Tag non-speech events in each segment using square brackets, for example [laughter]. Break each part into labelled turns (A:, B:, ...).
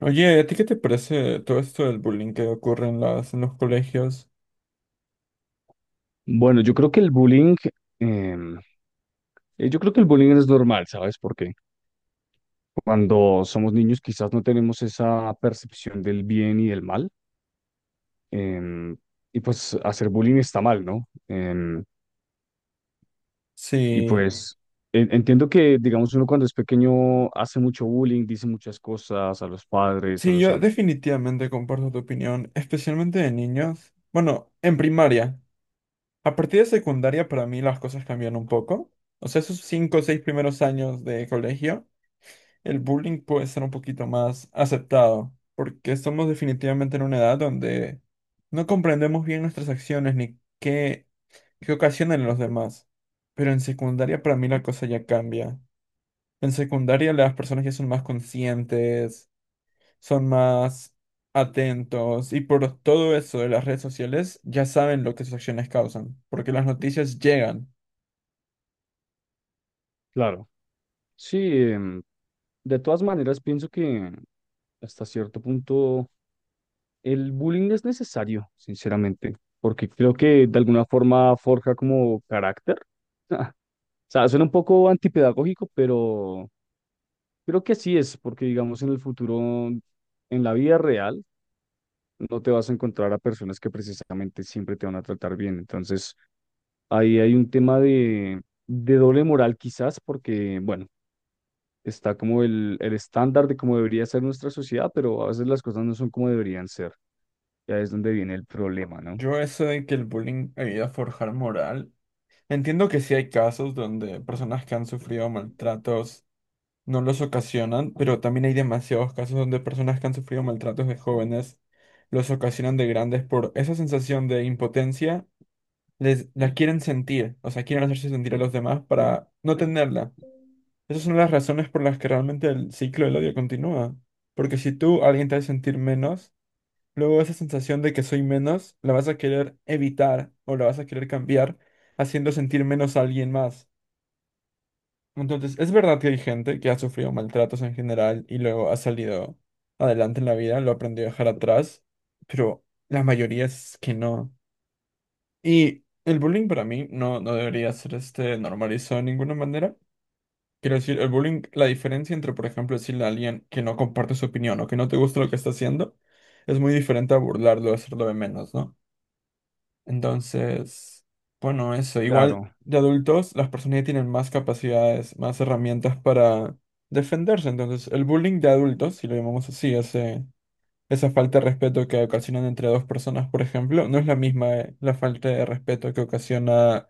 A: Oye, ¿a ti qué te parece todo esto del bullying que ocurre en en los colegios?
B: Bueno, yo creo que el bullying, em, yo creo que el bullying es normal, ¿sabes por qué? Cuando somos niños quizás no tenemos esa percepción del bien y del mal, em, y pues hacer bullying está mal, ¿no? Y
A: Sí,
B: pues entiendo que, digamos, uno cuando es pequeño hace mucho bullying, dice muchas cosas a los padres, a
A: sí,
B: los
A: yo
B: amigos.
A: definitivamente comparto tu opinión, especialmente de niños. Bueno, en primaria. A partir de secundaria para mí las cosas cambian un poco. O sea, esos 5 o 6 primeros años de colegio. El bullying puede ser un poquito más aceptado, porque estamos definitivamente en una edad donde no comprendemos bien nuestras acciones ni qué ocasionan en los demás. Pero en secundaria para mí la cosa ya cambia. En secundaria las personas ya son más conscientes, son más atentos, y por todo eso de las redes sociales ya saben lo que sus acciones causan, porque las noticias llegan.
B: Claro, sí, em, de todas maneras pienso que hasta cierto punto. El bullying no es necesario, sinceramente, porque creo que de alguna forma forja como carácter. [laughs] O sea, suena un poco antipedagógico, pero creo que así es, porque digamos en el futuro, en la vida real, no te vas a encontrar a personas que precisamente siempre te van a tratar bien. Entonces, ahí hay un tema de doble moral quizás, porque, bueno, está como el estándar de cómo debería ser nuestra sociedad, pero a veces las cosas no son como deberían ser. Ya es donde viene el problema, ¿no?
A: Yo eso de que el bullying ayuda a forjar moral. Entiendo que sí hay casos donde personas que han sufrido maltratos no los ocasionan, pero también hay demasiados casos donde personas que han sufrido maltratos de jóvenes los ocasionan de grandes por esa sensación de impotencia, les la quieren sentir, o sea, quieren hacerse sentir a los demás para no tenerla. Esas son las razones por las que realmente el ciclo del odio continúa, porque si tú a alguien te hace sentir menos, luego esa sensación de que soy menos la vas a querer evitar o la vas a querer cambiar haciendo sentir menos a alguien más. Entonces, es verdad que hay gente que ha sufrido maltratos en general y luego ha salido adelante en la vida, lo aprendió a dejar atrás, pero la mayoría es que no. Y el bullying para mí no, no debería ser este normalizado de ninguna manera. Quiero decir, el bullying, la diferencia entre, por ejemplo, decirle a alguien que no comparte su opinión o que no te gusta lo que está haciendo, es muy diferente a burlarlo, hacerlo de menos, ¿no? Entonces, bueno, eso. Igual
B: Claro.
A: de adultos, las personas ya tienen más capacidades, más herramientas para defenderse. Entonces, el bullying de adultos, si lo llamamos así, esa falta de respeto que ocasionan entre dos personas, por ejemplo, no es la misma la falta de respeto que ocasiona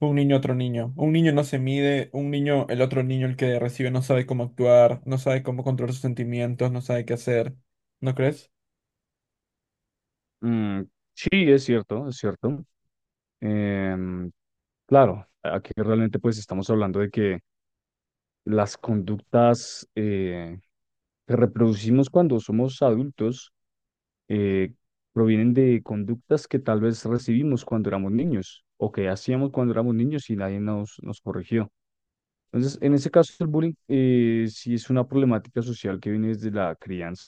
A: un niño a otro niño. Un niño no se mide, un niño, el otro niño, el que recibe, no sabe cómo actuar, no sabe cómo controlar sus sentimientos, no sabe qué hacer. ¿No crees?
B: Mm, sí, es cierto, es cierto. Em, claro, aquí realmente pues estamos hablando de que las conductas que reproducimos cuando somos adultos eh, provienen de conductas que tal vez recibimos cuando éramos niños o que hacíamos cuando éramos niños y nadie nos corrigió. Entonces, en ese caso, el bullying sí es una problemática social que viene desde la crianza.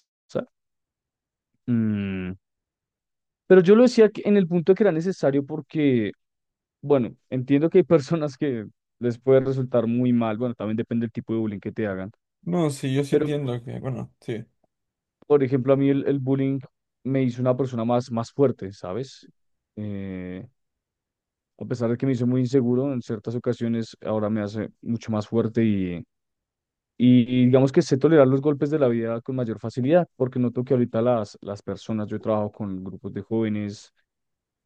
B: Mm, pero yo lo decía en el punto de que era necesario porque bueno, entiendo que hay personas que les puede resultar muy mal, bueno, también depende del tipo de bullying que te hagan,
A: No, sí, yo sí
B: pero
A: entiendo que, bueno, sí.
B: por ejemplo a mí el bullying me hizo una persona más fuerte, ¿sabes? Eh, a pesar de que me hizo muy inseguro, en ciertas ocasiones ahora me hace mucho más fuerte y digamos que sé tolerar los golpes de la vida con mayor facilidad, porque noto que ahorita las personas, yo trabajo con grupos de jóvenes.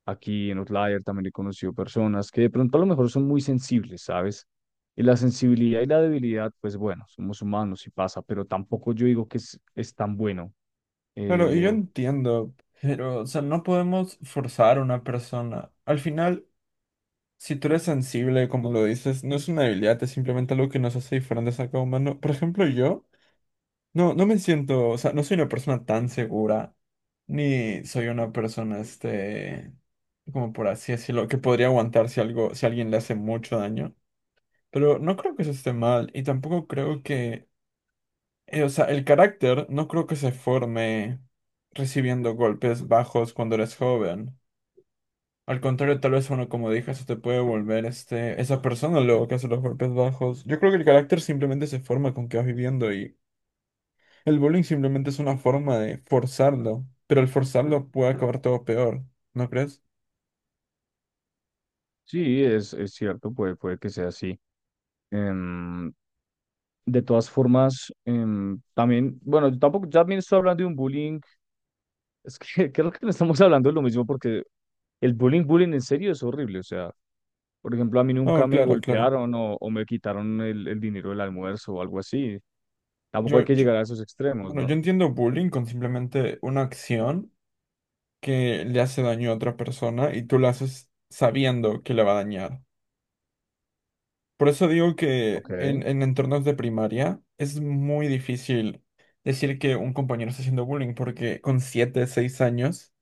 B: Aquí en Outlier también he conocido personas que de pronto a lo mejor son muy sensibles, ¿sabes? Y la sensibilidad y la debilidad, pues bueno, somos humanos y pasa, pero tampoco yo digo que es tan bueno.
A: Claro, y yo
B: Eh,
A: entiendo, pero, o sea, no podemos forzar a una persona. Al final, si tú eres sensible, como lo dices, no es una debilidad, es simplemente algo que nos hace diferentes a cada humano. Por ejemplo, yo no, no me siento, o sea, no soy una persona tan segura, ni soy una persona, este, como por así decirlo, que podría aguantar si algo, si alguien le hace mucho daño. Pero no creo que eso esté mal, y tampoco creo que o sea, el carácter no creo que se forme recibiendo golpes bajos cuando eres joven. Al contrario, tal vez uno, como dije, se te puede volver este, esa persona luego que hace los golpes bajos. Yo creo que el carácter simplemente se forma con que vas viviendo, y el bullying simplemente es una forma de forzarlo, pero al forzarlo puede acabar todo peor, ¿no crees?
B: sí, es cierto, puede que sea así. Em, de todas formas, también, bueno, yo tampoco, ya también estoy hablando de un bullying, es que [laughs] creo que no estamos hablando de lo mismo porque el bullying en serio es horrible, o sea, por ejemplo, a mí
A: Oh,
B: nunca me
A: claro, claro.
B: golpearon o me quitaron el dinero del almuerzo o algo así. Tampoco hay
A: Yo,
B: que
A: yo-
B: llegar a esos extremos,
A: bueno,
B: ¿no?
A: yo entiendo bullying con simplemente una acción que le hace daño a otra persona y tú la haces sabiendo que le va a dañar. Por eso digo que
B: Ok,
A: en entornos de primaria es muy difícil decir que un compañero está haciendo bullying, porque con 7 6 años,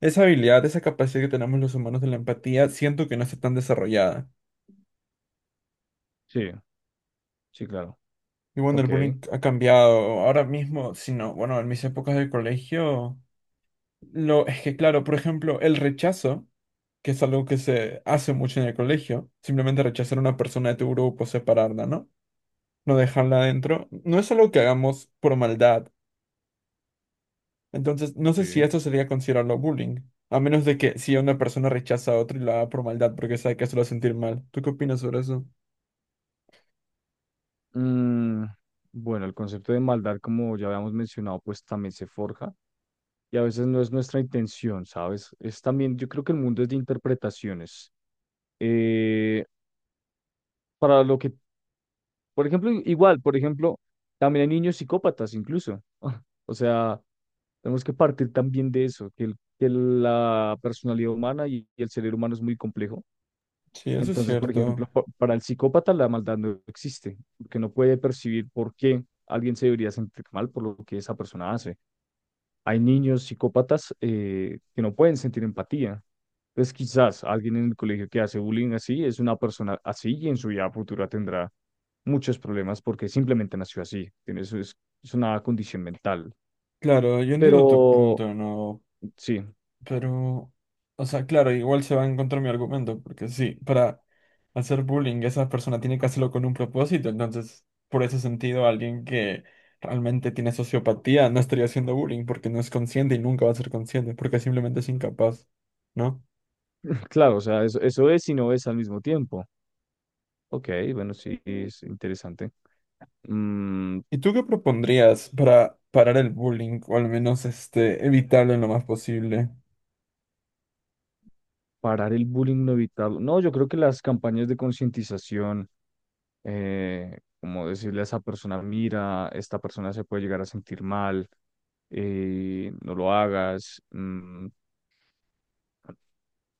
A: esa habilidad, esa capacidad que tenemos los humanos de la empatía, siento que no está tan desarrollada.
B: sí, sí, claro.
A: Y bueno, el
B: Ok,
A: bullying ha cambiado. Ahora mismo, si no, bueno, en mis épocas de colegio, es que claro, por ejemplo, el rechazo, que es algo que se hace mucho en el colegio, simplemente rechazar a una persona de tu grupo, separarla, ¿no? No dejarla adentro, no es algo que hagamos por maldad. Entonces, no sé si
B: sí.
A: esto sería considerarlo bullying, a menos de que si una persona rechaza a otro y la haga por maldad porque sabe que eso lo va a sentir mal. ¿Tú qué opinas sobre eso?
B: Mm, bueno, el concepto de maldad, como ya habíamos mencionado, pues también se forja y a veces no es nuestra intención, ¿sabes? Es también, yo creo que el mundo es de interpretaciones. Eh, para lo por ejemplo, igual, por ejemplo, también hay niños psicópatas incluso. [laughs] O sea, tenemos que partir también de eso, que la personalidad humana y el cerebro humano es muy complejo.
A: Sí, eso es
B: Entonces, por
A: cierto.
B: ejemplo, para el psicópata la maldad no existe, porque no puede percibir por qué alguien se debería sentir mal por lo que esa persona hace. Hay niños psicópatas que no pueden sentir empatía. Entonces, quizás alguien en el colegio que hace bullying así es una persona así y en su vida futura tendrá muchos problemas porque simplemente nació así. Es una condición mental.
A: Claro, yo entiendo tu
B: Pero
A: punto, ¿no?
B: sí,
A: Pero, o sea, claro, igual se va a encontrar mi argumento, porque sí, para hacer bullying esa persona tiene que hacerlo con un propósito, entonces, por ese sentido, alguien que realmente tiene sociopatía no estaría haciendo bullying porque no es consciente y nunca va a ser consciente, porque simplemente es incapaz, ¿no?
B: [laughs] claro, o sea, eso es y no es al mismo tiempo. Ok, bueno, sí, es interesante. Mm,
A: ¿Y tú qué propondrías para parar el bullying o al menos este evitarlo en lo más posible?
B: parar el bullying no evitarlo. No, yo creo que las campañas de concientización, como decirle a esa persona, mira, esta persona se puede llegar a sentir mal, no lo hagas. Mm,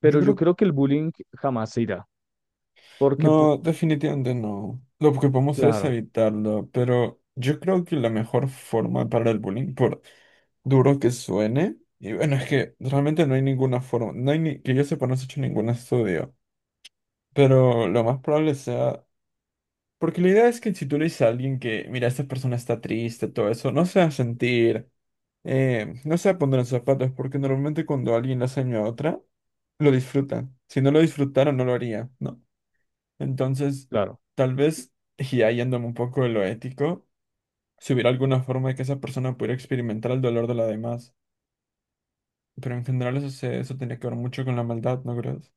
A: Yo
B: yo
A: creo,
B: creo que el bullying jamás se irá, porque, po-
A: no, definitivamente no. Lo que podemos hacer es
B: claro,
A: evitarlo, pero yo creo que la mejor forma de parar el bullying, por duro que suene, y bueno, es que realmente no hay ninguna forma, no hay ni, que yo sepa, no se ha hecho ningún estudio, pero lo más probable sea, porque la idea es que si tú le dices a alguien que, mira, esta persona está triste, todo eso, no se va a sentir no se va a poner en sus zapatos, porque normalmente cuando alguien le hace daño a otra, lo disfrutan. Si no lo disfrutara, no lo haría, ¿no? Entonces,
B: claro.
A: tal vez, y ahí yéndome un poco de lo ético, si hubiera alguna forma de que esa persona pudiera experimentar el dolor de la demás. Pero en general eso, eso tenía que ver mucho con la maldad, ¿no crees?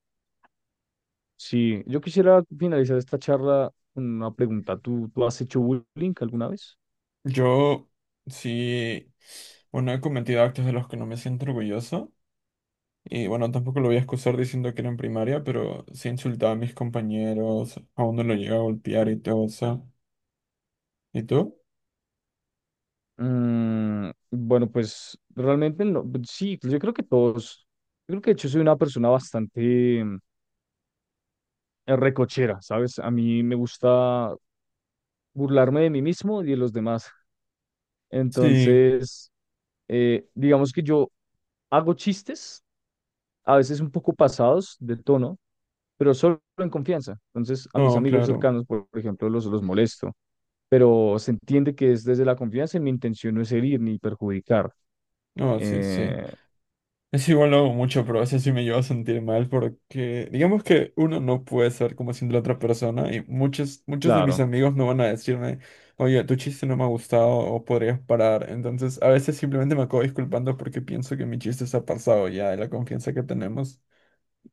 B: Sí, yo quisiera finalizar esta charla con una pregunta. ¿Tú, tú has hecho bullying alguna vez?
A: Yo sí, bueno, he cometido actos de los que no me siento orgulloso. Y bueno, tampoco lo voy a excusar diciendo que era en primaria, pero sí insultaba a mis compañeros, a uno lo llegaba a golpear y todo eso. ¿Y tú?
B: Mm, bueno, pues realmente no, pues, sí, pues, yo creo que todos, yo creo que de hecho soy una persona bastante en recochera, ¿sabes? A mí me gusta burlarme de mí mismo y de los demás.
A: Sí,
B: Entonces, digamos que yo hago chistes, a veces un poco pasados de tono, pero solo en confianza. Entonces, a mis
A: no,
B: amigos
A: claro.
B: cercanos, por ejemplo, los molesto, pero se entiende que es desde la confianza y mi intención no es herir ni perjudicar.
A: No, sí, sí.
B: Eh,
A: Es igual lo hago mucho, pero a veces sí me llevo a sentir mal porque digamos que uno no puede ser como siendo la otra persona y muchos, muchos de mis
B: claro.
A: amigos no van a decirme, oye, tu chiste no me ha gustado o podrías parar. Entonces a veces simplemente me acabo disculpando porque pienso que mi chiste se ha pasado ya de la confianza que tenemos.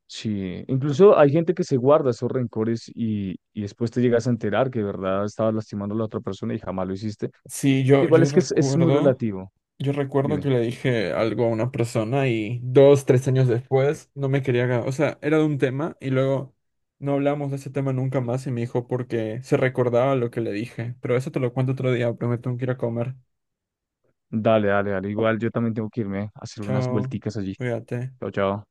B: Sí, incluso hay gente que se guarda esos rencores y después te llegas a enterar que de verdad estabas lastimando a la otra persona y jamás lo hiciste.
A: Sí, yo,
B: Igual
A: yo
B: es que es muy
A: recuerdo,
B: relativo.
A: yo recuerdo que
B: Dime.
A: le dije algo a una persona y 2, 3 años después no me quería, o sea, era de un tema y luego no hablamos de ese tema nunca más y me dijo porque se recordaba lo que le dije. Pero eso te lo cuento otro día, prometo que ir a comer.
B: Dale, dale, dale. Igual yo también tengo que irme a hacer unas
A: Chao,
B: vuelticas allí.
A: cuídate.
B: Chao, chao.